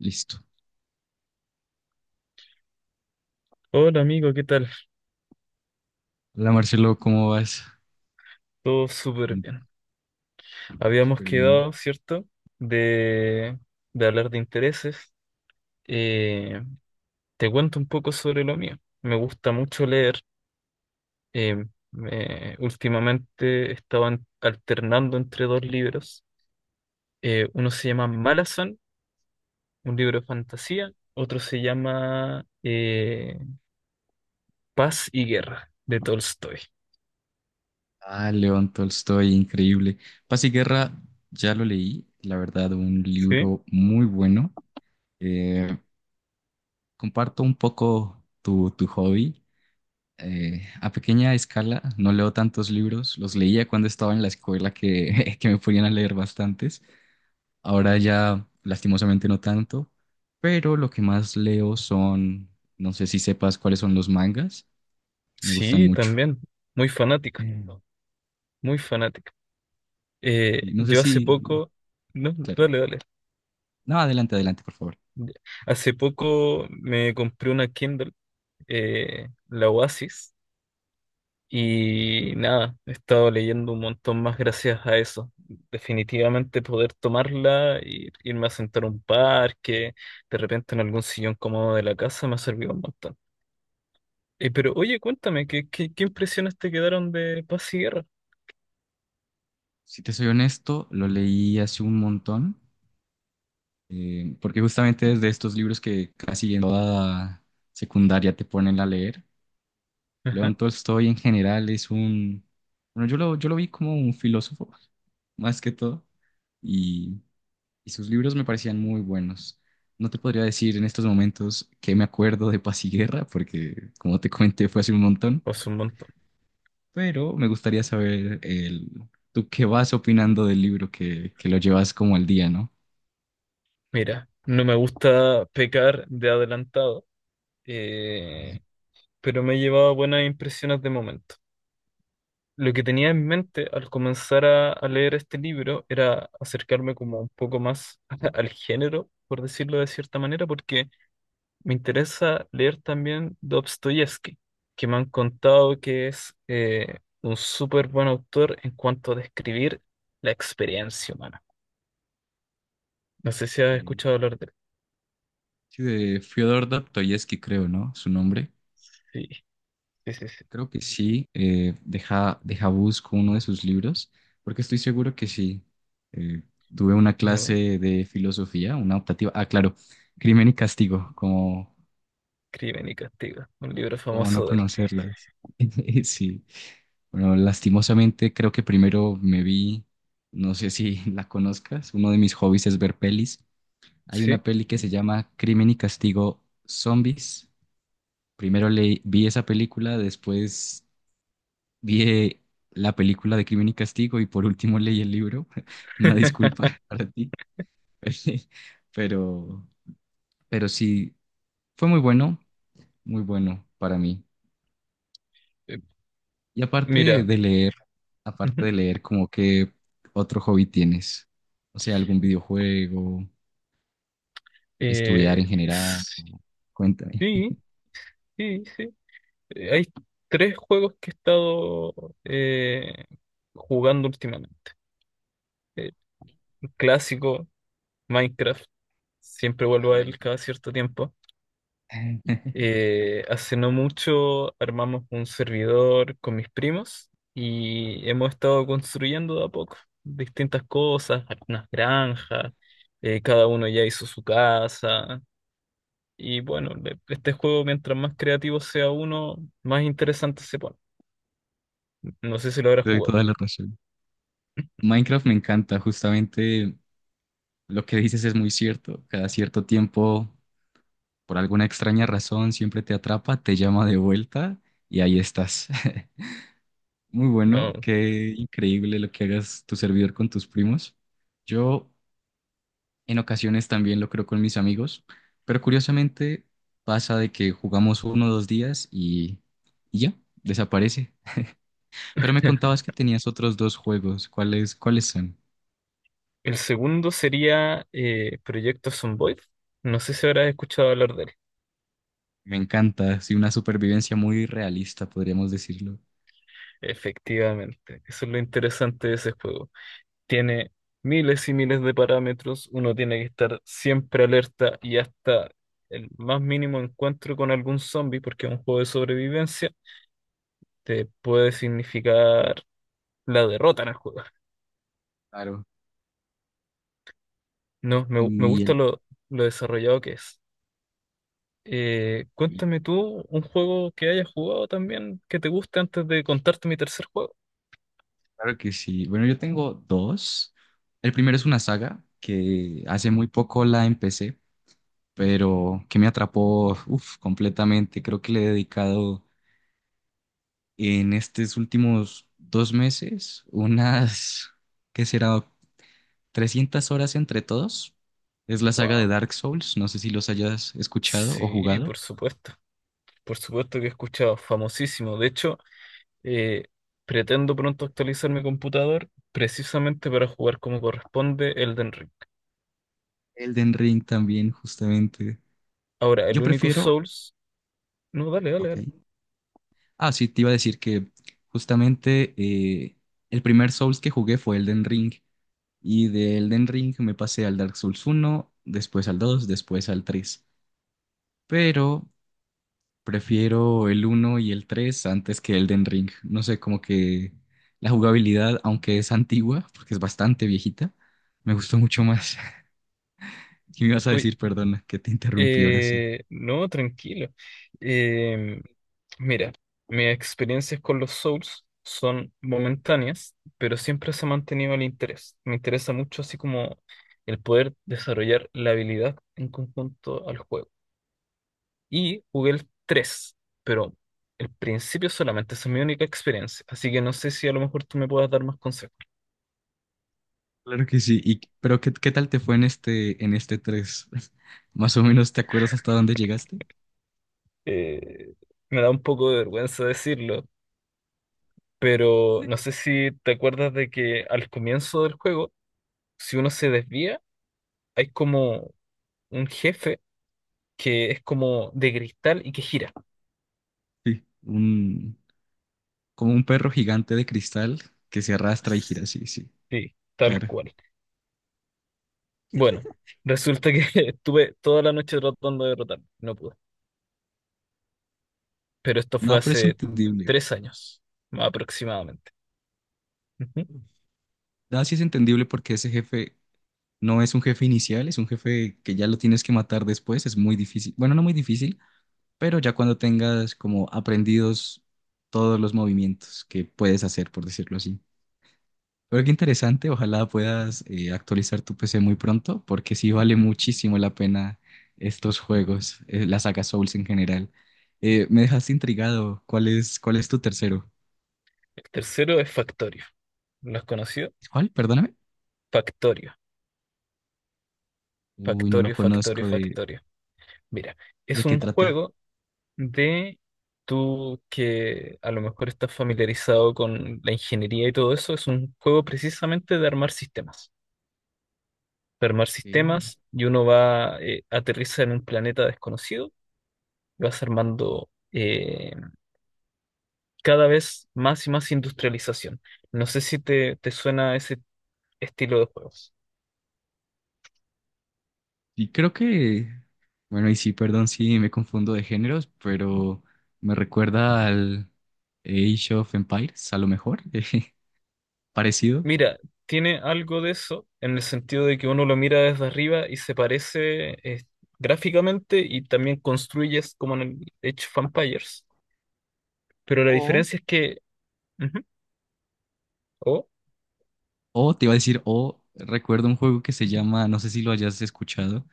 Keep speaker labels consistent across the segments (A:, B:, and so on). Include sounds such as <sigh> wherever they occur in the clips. A: Listo.
B: Hola amigo, ¿qué tal?
A: Hola Marcelo, ¿cómo vas?
B: Todo súper bien. Habíamos
A: Súper bien.
B: quedado, ¿cierto? De, de hablar de intereses. Eh, Te cuento un poco sobre lo mío. Me gusta mucho leer. Eh, Últimamente estaban alternando entre dos libros. Uno se llama Malazan, un libro de fantasía. Otro se llama Paz y Guerra, de Tolstoy.
A: Ah, León Tolstoy, increíble. Paz y Guerra, ya lo leí, la verdad, un
B: ¿Sí?
A: libro muy bueno. Eh, Comparto un poco tu hobby. A pequeña escala, no leo tantos libros, los leía cuando estaba en la escuela que, <laughs> que me ponían a leer bastantes. Ahora ya, lastimosamente, no tanto, pero lo que más leo son, no sé si sepas cuáles son los mangas, me gustan
B: Sí,
A: mucho.
B: también. Muy fanático,
A: Eh,
B: muy fanático.
A: Y no sé
B: Yo hace
A: si,
B: poco, no,
A: claro.
B: dale, dale.
A: No, adelante, adelante, por favor.
B: Ya. Hace poco me compré una Kindle, la Oasis, y nada, he estado leyendo un montón más gracias a eso. Definitivamente poder tomarla y irme a sentar a un parque, de repente en algún sillón cómodo de la casa, me ha servido un montón. Pero oye, cuéntame, ¿qué impresiones te quedaron de Paz y Guerra?
A: Si te soy honesto, lo leí hace un montón, porque justamente es de estos libros que casi en toda secundaria te ponen a leer.
B: Ajá,
A: León Tolstoy en general es un, bueno, yo lo vi como un filósofo, <laughs> más que todo, y, y sus libros me parecían muy buenos. No te podría decir en estos momentos que me acuerdo de Paz y Guerra, porque como te comenté fue hace un montón,
B: pues un montón.
A: pero me gustaría saber tú qué vas opinando del libro que lo llevas como al día, ¿no?
B: Mira, no me gusta pecar de adelantado. Eh, pero me he llevado buenas impresiones de momento. Lo que tenía en mente al comenzar a leer este libro era acercarme como un poco más <laughs> al género, por decirlo de cierta manera, porque me interesa leer también Dostoyevsky, que me han contado que es un súper buen autor en cuanto a describir la experiencia humana. No sé si has
A: Eh,
B: escuchado hablar de él.
A: Sí, de Fyodor Dostoyevsky, creo, ¿no? Su nombre.
B: Sí, sí, sí, sí.
A: Creo que sí. Deja busco uno de sus libros, porque estoy seguro que sí. Eh, Tuve una
B: No,
A: clase de filosofía, una optativa. Ah, claro, Crimen y Castigo, como,
B: Crimen y Castigo, un libro
A: como no
B: famoso de él.
A: conocerlas. <laughs> Sí. Bueno, lastimosamente creo que primero me vi, no sé si <laughs> la conozcas, uno de mis hobbies es ver pelis. Hay una
B: ¿Sí?
A: peli que se llama Crimen y Castigo Zombies. Primero le vi esa película, después vi la película de Crimen y Castigo y por último leí el libro. <laughs> Una disculpa
B: <laughs>
A: <laughs> para ti, <laughs> pero, pero sí, fue muy bueno, muy bueno para mí. Y aparte
B: Mira.
A: de leer,
B: Ujú.
A: ¿como que otro hobby tienes? O sea, algún videojuego, estudiar
B: Eh,
A: en general, cuéntame.
B: sí, sí, sí. Hay tres juegos que he estado eh, jugando últimamente. Eh, el clásico, Minecraft, siempre
A: Ah,
B: vuelvo a él
A: Minecraft.
B: cada cierto tiempo.
A: <laughs>
B: Hace no mucho armamos un servidor con mis primos y hemos estado construyendo de a poco distintas cosas, algunas granjas, cada uno ya hizo su casa. Y bueno, este juego, mientras más creativo sea uno, más interesante se pone. No sé si lo habrá
A: Te doy
B: jugado.
A: toda la razón. Minecraft me encanta, justamente lo que dices es muy cierto. Cada cierto tiempo, por alguna extraña razón, siempre te atrapa, te llama de vuelta y ahí estás. <laughs> Muy bueno,
B: No.
A: qué increíble lo que hagas tu servidor con tus primos. Yo en ocasiones también lo creo con mis amigos, pero curiosamente pasa de que jugamos uno o dos días y ya, desaparece. Pero me contabas
B: <laughs>
A: que tenías otros dos juegos. ¿Cuáles son?
B: El segundo sería Proyecto Zomboid. No sé si habrás escuchado hablar de él.
A: Me encanta, sí, una supervivencia muy realista, podríamos decirlo.
B: Efectivamente, eso es lo interesante de ese juego. Tiene miles y miles de parámetros, uno tiene que estar siempre alerta y hasta el más mínimo encuentro con algún zombie, porque es un juego de sobrevivencia, te puede significar la derrota en el juego.
A: Claro.
B: No, me
A: Y el,
B: gusta lo desarrollado que es.
A: eh,
B: Cuéntame tú un juego que hayas jugado también que te guste antes de contarte mi tercer juego.
A: claro que sí. Bueno, yo tengo dos. El primero es una saga que hace muy poco la empecé, pero que me atrapó, uf, completamente. Creo que le he dedicado en estos últimos 2 meses unas, ¿qué será? 300 horas entre todos. Es la saga de
B: Wow.
A: Dark Souls, no sé si los hayas escuchado o
B: Sí,
A: jugado.
B: por supuesto. Por supuesto que he escuchado, famosísimo. De hecho, eh, pretendo pronto actualizar mi computador precisamente para jugar como corresponde Elden Ring.
A: Elden Ring también, justamente.
B: Ahora, el
A: Yo
B: único
A: prefiero,
B: Souls. No, dale, dale,
A: ok.
B: dale.
A: Ah, sí, te iba a decir que justamente el primer Souls que jugué fue Elden Ring. Y de Elden Ring me pasé al Dark Souls uno, después al 2, después al 3. Pero prefiero el uno y el 3 antes que Elden Ring. No sé, como que la jugabilidad, aunque es antigua, porque es bastante viejita, me gustó mucho más. <laughs> ¿Qué me ibas a
B: Oye,
A: decir? Perdona, que te interrumpí ahora sí.
B: no, tranquilo. Em, Mira, mis experiencias con los Souls son momentáneas, pero siempre se ha mantenido el interés. Me interesa mucho así como el poder desarrollar la habilidad en conjunto al juego. Y jugué el 3, pero el principio solamente, esa es mi única experiencia, así que no sé si a lo mejor tú me puedas dar más consejos.
A: Claro que sí. Pero ¿qué tal te fue en este tres? <laughs> Más o menos, ¿te acuerdas hasta dónde llegaste?
B: Eh, Me da un poco de vergüenza decirlo, pero no sé si te acuerdas de que al comienzo del juego, si uno se desvía, hay como un jefe que es como de cristal y que gira.
A: Sí, como un perro gigante de cristal que se arrastra y gira, sí, sí,
B: Sí, tal
A: claro.
B: cual. Bueno, resulta que <laughs> estuve toda la noche tratando de derrotarlo, no pude. Pero esto fue
A: No, pero es
B: hace
A: entendible.
B: tres años, aproximadamente. Ujú.
A: No, sí es entendible porque ese jefe no es un jefe inicial, es un jefe que ya lo tienes que matar después, es muy difícil. Bueno, no muy difícil, pero ya cuando tengas como aprendidos todos los movimientos que puedes hacer, por decirlo así. Pero qué interesante, ojalá puedas actualizar tu PC muy pronto, porque sí vale muchísimo la pena estos juegos, la saga Souls en general. Me dejaste intrigado, ¿cuál es tu tercero?
B: El tercero es Factorio. ¿Lo has conocido?
A: ¿Cuál? Perdóname.
B: Factorio,
A: Uy, no lo
B: Factorio, Factorio,
A: conozco, ¿de,
B: Factorio. Mira,
A: de
B: es
A: qué
B: un
A: trata?
B: juego de tú que a lo mejor estás familiarizado con la ingeniería y todo eso, es un juego precisamente de armar sistemas. Para armar
A: Ok.
B: sistemas y uno va, aterriza en un planeta desconocido y vas armando cada vez más y más industrialización. No sé si te suena ese estilo de juegos.
A: Y creo que, bueno, y sí, perdón si me confundo de géneros, pero me recuerda al Age of Empires, a lo mejor, <laughs> parecido.
B: Mira, tiene algo de eso en el sentido de que uno lo mira desde arriba y se parece gráficamente y también construyes como en el Age of Empires, pero la
A: O,
B: diferencia es que. Ujú, oh,
A: o te iba a decir, o recuerdo un juego que se llama, no sé si lo hayas escuchado,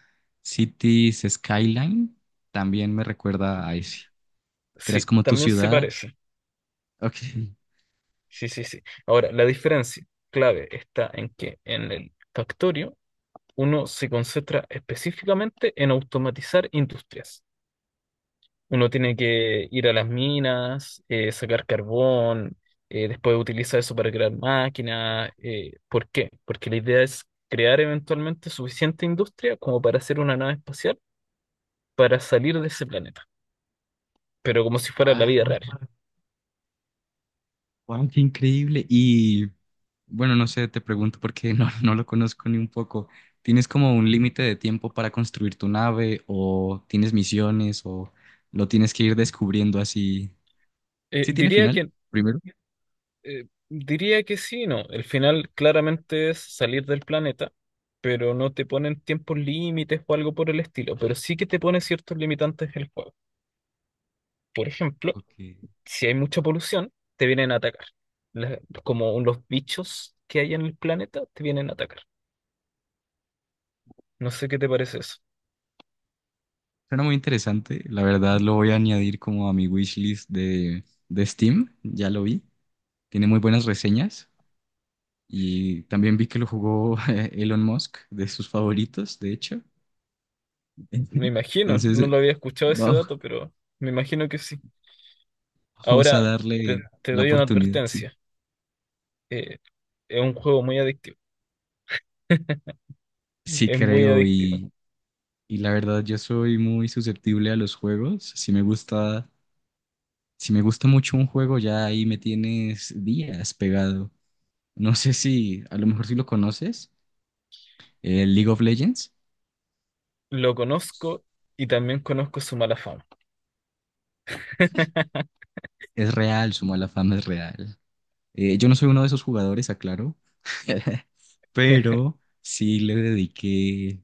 A: Cities Skyline, también me recuerda a ese. Creas
B: sí,
A: como tu
B: también se
A: ciudad.
B: parece.
A: Ok.
B: Sí, sí, sí. Ahora, la diferencia clave está en que en el Factorio uno se concentra específicamente en automatizar industrias. Uno tiene que ir a las minas, sacar carbón, después utilizar eso para crear máquinas. ¿Por qué? Porque la idea es crear eventualmente suficiente industria como para hacer una nave espacial para salir de ese planeta, pero como si fuera la
A: <laughs>
B: vida real.
A: Wow. Wow, qué increíble. Y bueno, no sé, te pregunto porque <laughs> no, no lo conozco ni un poco. ¿Tienes como un límite de tiempo para construir tu nave o tienes misiones o lo tienes que ir descubriendo así?
B: Eh,
A: ¿Sí tiene
B: diría
A: final
B: que
A: primero?
B: diría que sí, no. El final claramente es salir del planeta, pero no te ponen tiempos límites o algo por el estilo, pero sí que te pone ciertos limitantes el juego. Por ejemplo,
A: Ok.
B: si hay mucha polución, te vienen a atacar. La- como los bichos que hay en el planeta te vienen a atacar. No sé qué te parece eso.
A: Suena muy interesante. La verdad lo voy a añadir como a mi wishlist de Steam. Ya lo vi. Tiene muy buenas reseñas y también vi que lo jugó <laughs> Elon Musk, de sus favoritos, de hecho.
B: Me
A: <laughs>
B: imagino,
A: Entonces,
B: no lo había escuchado ese
A: wow.
B: dato, pero me imagino que sí.
A: <laughs> Vamos a
B: Ahora
A: darle
B: te
A: la
B: doy una
A: oportunidad, sí.
B: advertencia. Eh, es un juego muy adictivo.
A: Sí
B: Es muy
A: creo
B: adictivo.
A: y la verdad yo soy muy susceptible a los juegos. Si me gusta mucho un juego, ya ahí me tienes días pegado. No sé si, a lo mejor si lo conoces, el League of Legends
B: Lo conozco y también conozco su mala fama. <laughs>
A: es real, su mala fama es real. Yo no soy uno de esos jugadores, aclaro, <laughs> pero sí le dediqué,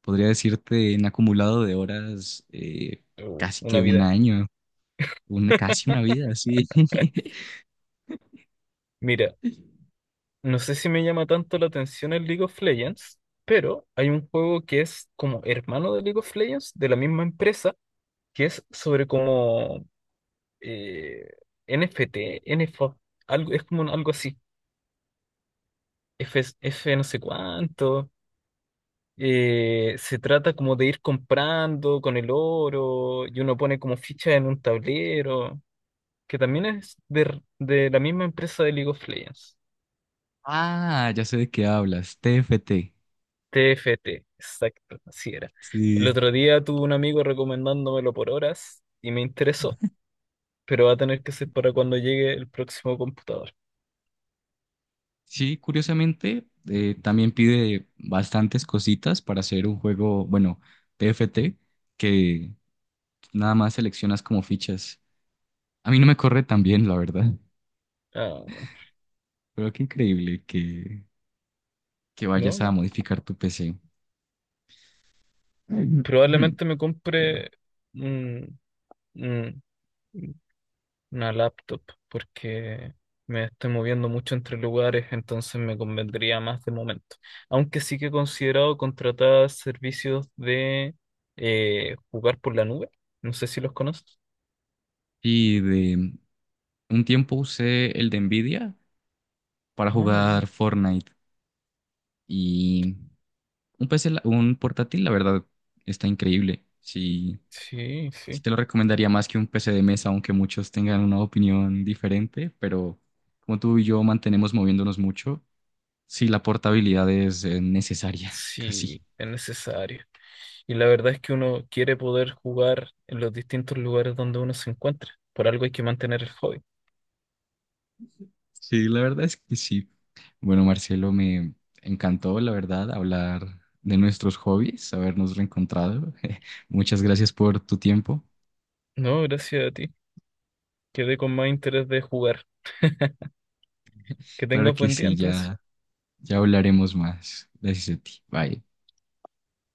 A: podría decirte, en acumulado de horas, casi que
B: Una
A: un
B: vida.
A: año. Una, casi una vida, sí. <laughs>
B: Mira, no sé si me llama tanto la atención el League of Legends, pero hay un juego que es como hermano de League of Legends, de la misma empresa, que es sobre como eh, NFT, NFO, algo, es como algo así, F, F no sé cuánto. Se trata como de ir comprando con el oro y uno pone como fichas en un tablero, que también es de, la misma empresa de League of Legends.
A: Ah, ya sé de qué hablas, TFT.
B: TFT exacto, así era. El
A: Sí.
B: otro día tuve un amigo recomendándomelo por horas y me interesó, pero va a tener que ser para cuando llegue el próximo computador.
A: Sí, curiosamente, también pide bastantes cositas para hacer un juego, bueno, TFT que nada más seleccionas como fichas. A mí no me corre tan bien, la verdad.
B: Ah,
A: Pero qué increíble que
B: no,
A: vayas a
B: no.
A: modificar tu PC.
B: Probablemente me compre
A: <clears throat>
B: un- un- una laptop porque me estoy moviendo mucho entre lugares, entonces me convendría más de momento. Aunque sí que he considerado contratar servicios de jugar por la nube. No sé si los conoces.
A: Y de un tiempo usé el de Nvidia para
B: Ah,
A: jugar
B: bien.
A: Fortnite y un PC, un portátil, la verdad, está increíble. Sí,
B: Sí,
A: sí
B: sí.
A: te lo recomendaría más que un PC de mesa, aunque muchos tengan una opinión diferente, pero como tú y yo mantenemos moviéndonos mucho, sí, la portabilidad es necesaria, <laughs>
B: Sí,
A: casi.
B: es necesario. Y la verdad es que uno quiere poder jugar en los distintos lugares donde uno se encuentra. Por algo hay que mantener el hobby.
A: Sí, la verdad es que sí. Bueno, Marcelo, me encantó, la verdad, hablar de nuestros hobbies, habernos reencontrado. <laughs> Muchas gracias por tu tiempo.
B: No, gracias a ti. Quedé con más interés de jugar. Que
A: Claro
B: tengas
A: que
B: buen día
A: sí,
B: entonces.
A: ya, ya hablaremos más. Gracias a ti. Bye.